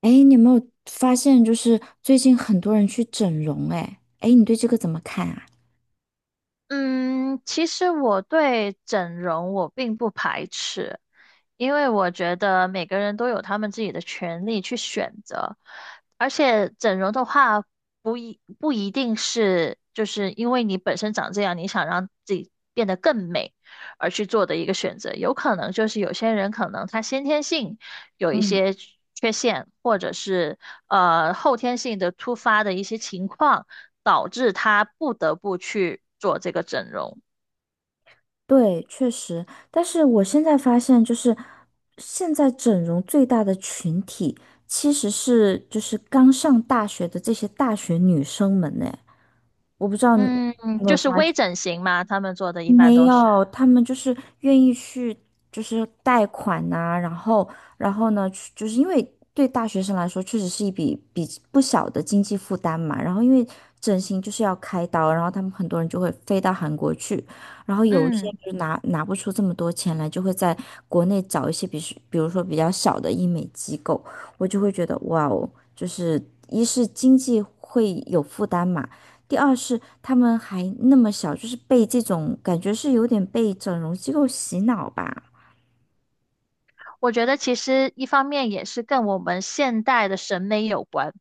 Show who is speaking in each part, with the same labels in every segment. Speaker 1: 哎，你有没有发现，就是最近很多人去整容？哎，你对这个怎么看啊？
Speaker 2: 嗯，其实我对整容我并不排斥，因为我觉得每个人都有他们自己的权利去选择，而且整容的话不一定是就是因为你本身长这样，你想让自己变得更美而去做的一个选择，有可能就是有些人可能他先天性有一
Speaker 1: 嗯，
Speaker 2: 些缺陷，或者是后天性的突发的一些情况。导致他不得不去做这个整容。
Speaker 1: 对，确实，但是我现在发现，就是现在整容最大的群体，其实是就是刚上大学的这些大学女生们呢。我不知道你
Speaker 2: 嗯，
Speaker 1: 有没
Speaker 2: 就
Speaker 1: 有
Speaker 2: 是微整形嘛，他们做的一般
Speaker 1: 没
Speaker 2: 都是。
Speaker 1: 有，他们就是愿意去，就是贷款呐、然后呢，去就是因为对大学生来说，确实是一笔不小的经济负担嘛。然后，因为整形就是要开刀，然后他们很多人就会飞到韩国去，然后有一些
Speaker 2: 嗯，
Speaker 1: 就拿不出这么多钱来，就会在国内找一些比如说比较小的医美机构，我就会觉得哇哦，就是一是经济会有负担嘛。第二是他们还那么小，就是被这种感觉是有点被整容机构洗脑吧。
Speaker 2: 我觉得其实一方面也是跟我们现代的审美有关，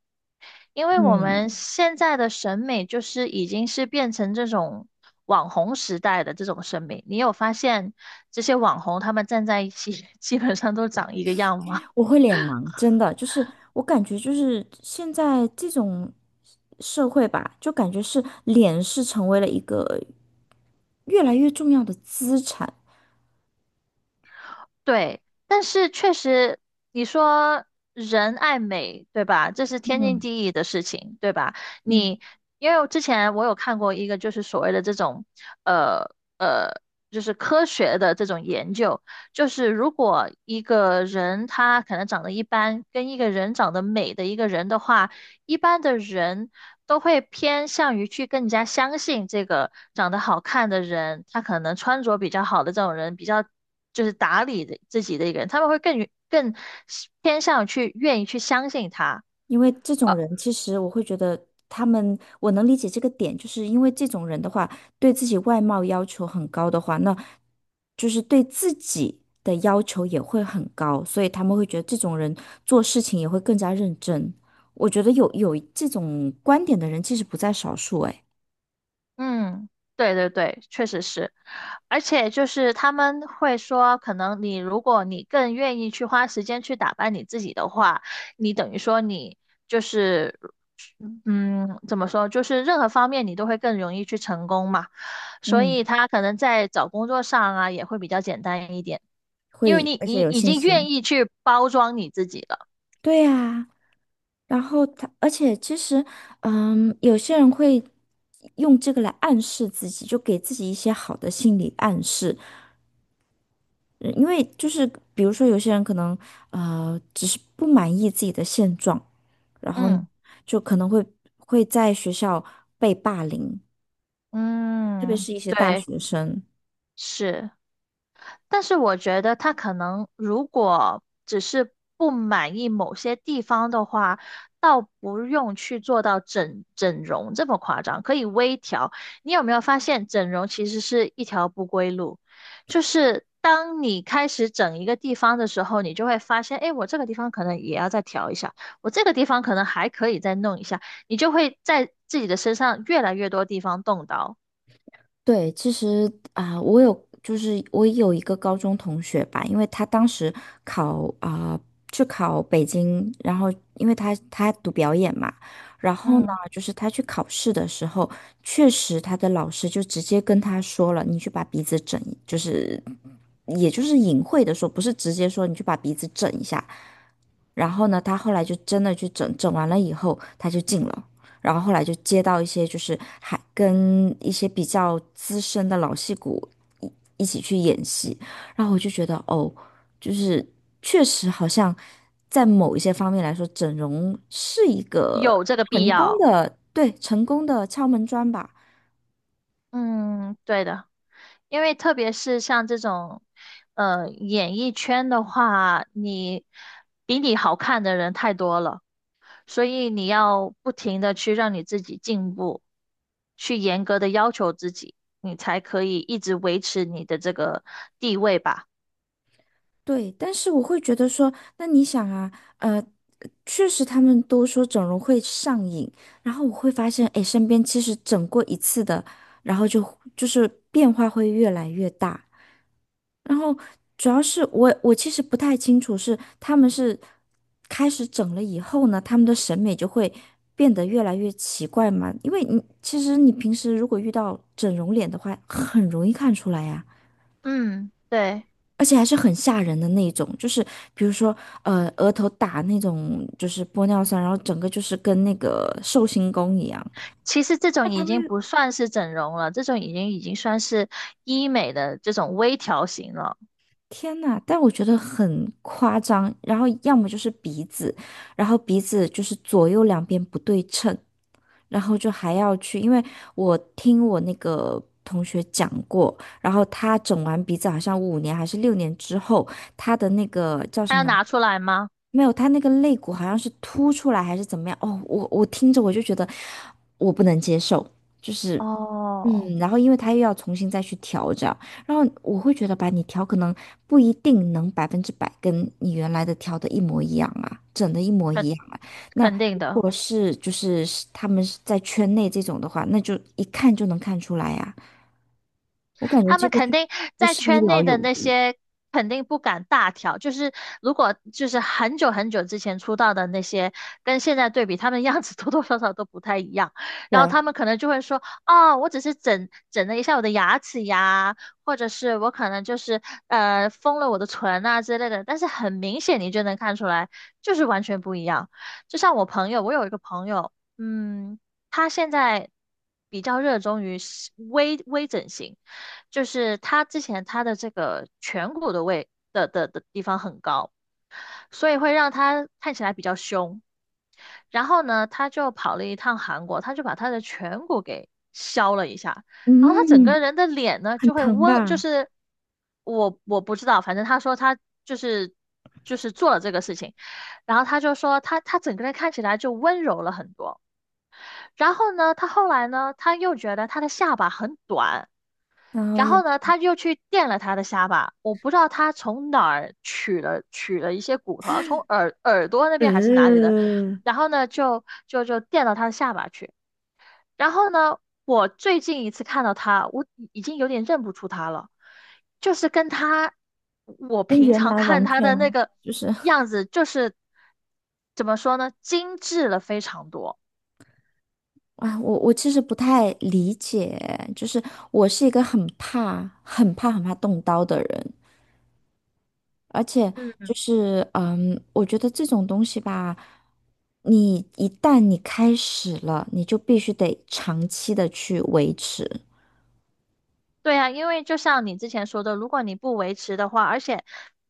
Speaker 2: 因为我们现在的审美就是已经是变成这种网红时代的这种审美。你有发现这些网红他们站在一起，基本上都长一个样吗？
Speaker 1: 我会脸盲，真的，就是我感觉就是现在这种社会吧，就感觉是脸是成为了一个越来越重要的资产。
Speaker 2: 对，但是确实，你说人爱美，对吧？这是天经
Speaker 1: 嗯
Speaker 2: 地义的事情，对吧？
Speaker 1: 嗯。
Speaker 2: 你因为我之前我有看过一个，就是所谓的这种，呃呃，就是科学的这种研究，就是如果一个人他可能长得一般，跟一个人长得美的一个人的话，一般的人都会偏向于去更加相信这个长得好看的人，他可能穿着比较好的这种人，比较就是打理的自己的一个人，他们会更偏向去愿意去相信他。
Speaker 1: 因为这种
Speaker 2: 呃，
Speaker 1: 人，其实我会觉得他们，我能理解这个点，就是因为这种人的话，对自己外貌要求很高的话，那就是对自己的要求也会很高，所以他们会觉得这种人做事情也会更加认真。我觉得有这种观点的人其实不在少数，哎，
Speaker 2: 嗯，对对对，确实是，而且就是他们会说，可能你如果你更愿意去花时间去打扮你自己的话，你等于说你就是嗯，怎么说，就是任何方面你都会更容易去成功嘛。所
Speaker 1: 嗯，
Speaker 2: 以他可能在找工作上啊也会比较简单一点，因为
Speaker 1: 会，
Speaker 2: 你
Speaker 1: 而且
Speaker 2: 你
Speaker 1: 有
Speaker 2: 已
Speaker 1: 信
Speaker 2: 经
Speaker 1: 心。
Speaker 2: 愿意去包装你自己了。
Speaker 1: 对呀。然后而且其实，有些人会用这个来暗示自己，就给自己一些好的心理暗示，因为就是比如说有些人可能只是不满意自己的现状，然后呢
Speaker 2: 嗯
Speaker 1: 就可能会在学校被霸凌，特别
Speaker 2: 嗯，
Speaker 1: 是一些大
Speaker 2: 对，
Speaker 1: 学生。
Speaker 2: 是。但是我觉得他可能如果只是不满意某些地方的话，倒不用去做到整容这么夸张，可以微调。你有没有发现整容其实是一条不归路？就是当你开始整一个地方的时候，你就会发现，哎，我这个地方可能也要再调一下，我这个地方可能还可以再弄一下，你就会在自己的身上越来越多地方动刀。
Speaker 1: 对，其实啊、我有一个高中同学吧，因为他当时考啊、去考北京，然后因为他读表演嘛，然后呢，
Speaker 2: 嗯，
Speaker 1: 就是他去考试的时候，确实他的老师就直接跟他说了，你去把鼻子整一就是也就是隐晦的说，不是直接说你去把鼻子整一下，然后呢，他后来就真的去整完了以后，他就进了。然后后来就接到一些就是还跟一些比较资深的老戏骨一一起去演戏，然后我就觉得哦，就是确实好像在某一些方面来说，整容是一个
Speaker 2: 有这个必
Speaker 1: 成功
Speaker 2: 要。
Speaker 1: 的，对，成功的敲门砖吧。
Speaker 2: 嗯，对的。因为特别是像这种，演艺圈的话，你比你好看的人太多了，所以你要不停的去让你自己进步，去严格的要求自己，你才可以一直维持你的这个地位吧。
Speaker 1: 对，但是我会觉得说，那你想啊，呃，确实他们都说整容会上瘾，然后我会发现，哎，身边其实整过一次的，然后就是变化会越来越大。然后主要是我其实不太清楚是他们是开始整了以后呢，他们的审美就会变得越来越奇怪嘛，因为你其实平时如果遇到整容脸的话，很容易看出来呀。
Speaker 2: 嗯，对。
Speaker 1: 而且还是很吓人的那种，就是比如说，额头打那种就是玻尿酸，然后整个就是跟那个寿星公一样。
Speaker 2: 其实这种
Speaker 1: 那他
Speaker 2: 已
Speaker 1: 们
Speaker 2: 经
Speaker 1: 又
Speaker 2: 不算是整容了，这种已经算是医美的这种微调型了。
Speaker 1: 天呐，但我觉得很夸张。然后要么就是鼻子，然后鼻子就是左右两边不对称，然后就还要去，因为我听我那个同学讲过，然后他整完鼻子好像5年还是6年之后，他的那个叫
Speaker 2: 还
Speaker 1: 什
Speaker 2: 要
Speaker 1: 么。
Speaker 2: 拿出来吗？
Speaker 1: 没有，他那个肋骨好像是凸出来还是怎么样？哦，我听着我就觉得我不能接受，就是
Speaker 2: 哦，
Speaker 1: 然后因为他又要重新再去调整，然后我会觉得吧，你调可能不一定能100%跟你原来的调的一模一样啊，整的一模
Speaker 2: 肯
Speaker 1: 一样啊。那
Speaker 2: 肯定
Speaker 1: 如
Speaker 2: 的。
Speaker 1: 果他们是在圈内这种的话，那就一看就能看出来呀、我感觉
Speaker 2: 他
Speaker 1: 这
Speaker 2: 们
Speaker 1: 个
Speaker 2: 肯
Speaker 1: 就
Speaker 2: 定
Speaker 1: 不
Speaker 2: 在
Speaker 1: 是一
Speaker 2: 圈
Speaker 1: 劳
Speaker 2: 内的
Speaker 1: 永
Speaker 2: 那
Speaker 1: 逸，
Speaker 2: 些肯定不敢大调，就是如果就是很久很久之前出道的那些，跟现在对比，他们样子 多多少少都不太一样。然后
Speaker 1: 对，
Speaker 2: 他们可能就会说，哦，我只是整了一下我的牙齿呀，或者是我可能就是封了我的唇啊之类的。但是很明显你就能看出来，就是完全不一样。就像我朋友，我有一个朋友，嗯，他现在比较热衷于是微微整形，就是他之前他的这个颧骨的位的的的地方很高，所以会让他看起来比较凶。然后呢，他就跑了一趟韩国，他就把他的颧骨给削了一下，然后他整个
Speaker 1: 嗯，
Speaker 2: 人的脸呢
Speaker 1: 很
Speaker 2: 就会
Speaker 1: 疼
Speaker 2: 温，就
Speaker 1: 吧？
Speaker 2: 是我不知道，反正他说他就是就是做了这个事情，然后他就说他他整个人看起来就温柔了很多。然后呢，他后来呢，他又觉得他的下巴很短。
Speaker 1: 然后
Speaker 2: 然
Speaker 1: 又。
Speaker 2: 后呢，他就去垫了他的下巴。我不知道他从哪儿取了一些骨头，好像从耳朵那边还是哪里的。
Speaker 1: 嗯，
Speaker 2: 然后呢，就垫到他的下巴去。然后呢，我最近一次看到他，我已经有点认不出他了，就是跟他我
Speaker 1: 跟
Speaker 2: 平
Speaker 1: 原
Speaker 2: 常
Speaker 1: 来
Speaker 2: 看
Speaker 1: 完
Speaker 2: 他的那
Speaker 1: 全
Speaker 2: 个
Speaker 1: 就是
Speaker 2: 样子，就是怎么说呢，精致了非常多。
Speaker 1: 啊，我其实不太理解，就是我是一个很怕、很怕、很怕动刀的人，而且
Speaker 2: 嗯。
Speaker 1: 就是我觉得这种东西吧，你一旦你开始了，你就必须得长期的去维持，
Speaker 2: 对呀，因为就像你之前说的，如果你不维持的话，而且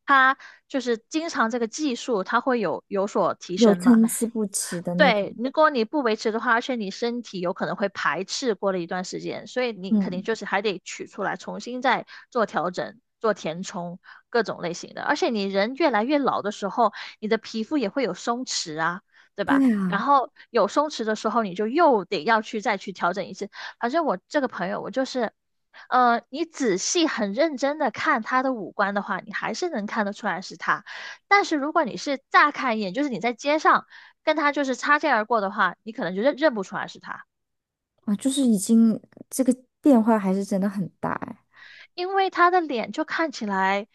Speaker 2: 它就是经常这个技术，它会有所提
Speaker 1: 有
Speaker 2: 升嘛。
Speaker 1: 参差不齐的那种。
Speaker 2: 对，如果你不维持的话，而且你身体有可能会排斥过了一段时间，所以你肯定
Speaker 1: 嗯，
Speaker 2: 就是还得取出来，重新再做调整、做填充，各种类型的。而且你人越来越老的时候，你的皮肤也会有松弛啊，对
Speaker 1: 对
Speaker 2: 吧？然
Speaker 1: 啊，
Speaker 2: 后有松弛的时候，你就又得要去再去调整一次。反正我这个朋友，我就是，你仔细很认真的看他的五官的话，你还是能看得出来是他。但是如果你是乍看一眼，就是你在街上。跟他就是擦肩而过的话，你可能就认不出来是他，
Speaker 1: 啊，就是已经这个变化还是真的很大哎。
Speaker 2: 因为他的脸就看起来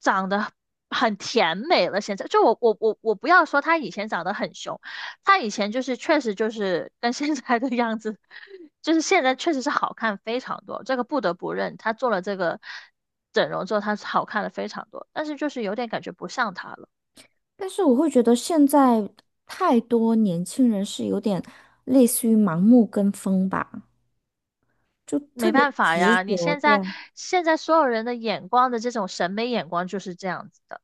Speaker 2: 长得很甜美了。现在就我不要说他以前长得很凶，他以前就是确实就是跟现在的样子，就是现在确实是好看非常多，这个不得不认，他做了这个整容之后，他好看了非常多，但是就是有点感觉不像他了。
Speaker 1: 但是我会觉得现在太多年轻人是有点类似于盲目跟风吧，就特
Speaker 2: 没
Speaker 1: 别
Speaker 2: 办法
Speaker 1: 执
Speaker 2: 呀，你
Speaker 1: 着，
Speaker 2: 现在
Speaker 1: 对，
Speaker 2: 现在所有人的眼光的这种审美眼光就是这样子的。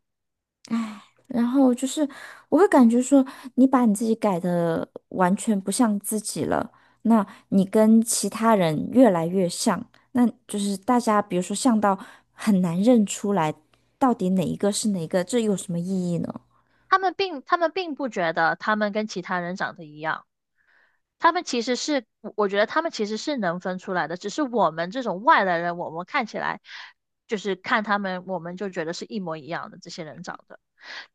Speaker 1: 唉，然后就是我会感觉说，你把你自己改的完全不像自己了，那你跟其他人越来越像，那就是大家比如说像到很难认出来到底哪一个是哪一个，这有什么意义呢？
Speaker 2: 他们并不觉得他们跟其他人长得一样，他们其实是，我觉得他们其实是能分出来的，只是我们这种外来人，我们看起来就是看他们，我们就觉得是一模一样的，这些人长得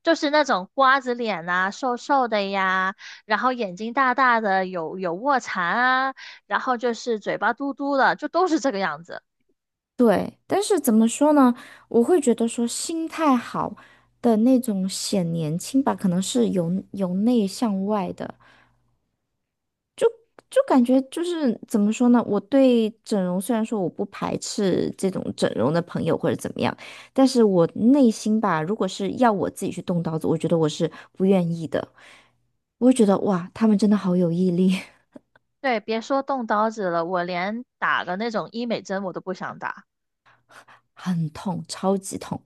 Speaker 2: 就是那种瓜子脸呐，瘦瘦的呀，然后眼睛大大的，有卧蚕啊，然后就是嘴巴嘟嘟的，就都是这个样子。
Speaker 1: 对，但是怎么说呢？我会觉得说心态好的那种显年轻吧，可能是由内向外的，就感觉就是怎么说呢？我对整容虽然说我不排斥这种整容的朋友或者怎么样，但是我内心吧，如果是要我自己去动刀子，我觉得我是不愿意的。我会觉得哇，他们真的好有毅力，
Speaker 2: 对，别说动刀子了，我连打个那种医美针我都不想打。
Speaker 1: 很痛，超级痛，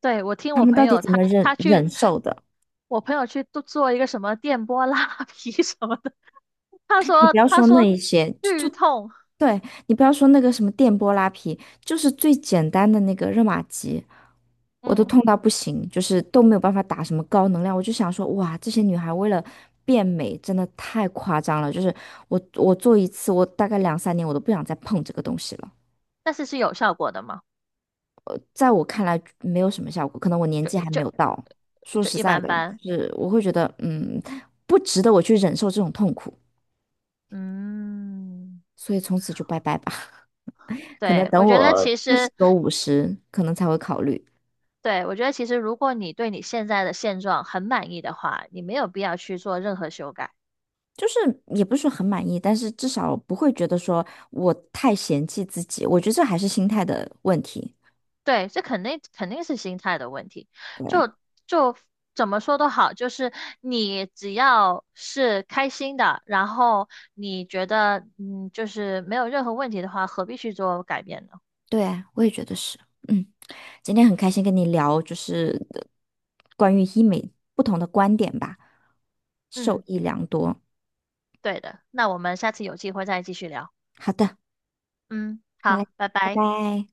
Speaker 2: 对，我听
Speaker 1: 他
Speaker 2: 我
Speaker 1: 们
Speaker 2: 朋
Speaker 1: 到底
Speaker 2: 友
Speaker 1: 怎
Speaker 2: 他
Speaker 1: 么忍
Speaker 2: 他去
Speaker 1: 忍受的？
Speaker 2: 我朋友去做一个什么电波拉皮 什么的，他
Speaker 1: 你不
Speaker 2: 说
Speaker 1: 要
Speaker 2: 他
Speaker 1: 说那
Speaker 2: 说
Speaker 1: 一些，
Speaker 2: 剧痛，
Speaker 1: 对，你不要说那个什么电波拉皮，就是最简单的那个热玛吉，我都
Speaker 2: 嗯，
Speaker 1: 痛到不行，就是都没有办法打什么高能量。我就想说，哇，这些女孩为了变美，真的太夸张了。就是我做一次，我大概两三年我都不想再碰这个东西了。
Speaker 2: 但是是有效果的嘛，
Speaker 1: 在我看来没有什么效果，可能我年
Speaker 2: 就
Speaker 1: 纪还没有
Speaker 2: 就
Speaker 1: 到。说
Speaker 2: 就
Speaker 1: 实
Speaker 2: 一
Speaker 1: 在
Speaker 2: 般
Speaker 1: 的，
Speaker 2: 般，
Speaker 1: 就是我会觉得，不值得我去忍受这种痛苦，
Speaker 2: 嗯，
Speaker 1: 所以从此就拜拜吧。可能
Speaker 2: 对，
Speaker 1: 等
Speaker 2: 我觉得其
Speaker 1: 我四十
Speaker 2: 实，
Speaker 1: 多50，五十可能才会考虑。
Speaker 2: 对，我觉得其实如果你对你现在的现状很满意的话，你没有必要去做任何修改。
Speaker 1: 就是也不是说很满意，但是至少不会觉得说我太嫌弃自己。我觉得这还是心态的问题。
Speaker 2: 对，这肯定是心态的问题。
Speaker 1: 对，
Speaker 2: 就就怎么说都好，就是你只要是开心的，然后你觉得嗯，就是没有任何问题的话，何必去做改变呢？
Speaker 1: 对，我也觉得是。嗯，今天很开心跟你聊，就是关于医美不同的观点吧，受
Speaker 2: 嗯，
Speaker 1: 益良多。
Speaker 2: 对的。那我们下次有机会再继续聊。
Speaker 1: 好的，
Speaker 2: 嗯，
Speaker 1: 好
Speaker 2: 好，
Speaker 1: 嘞，
Speaker 2: 拜
Speaker 1: 拜
Speaker 2: 拜。
Speaker 1: 拜。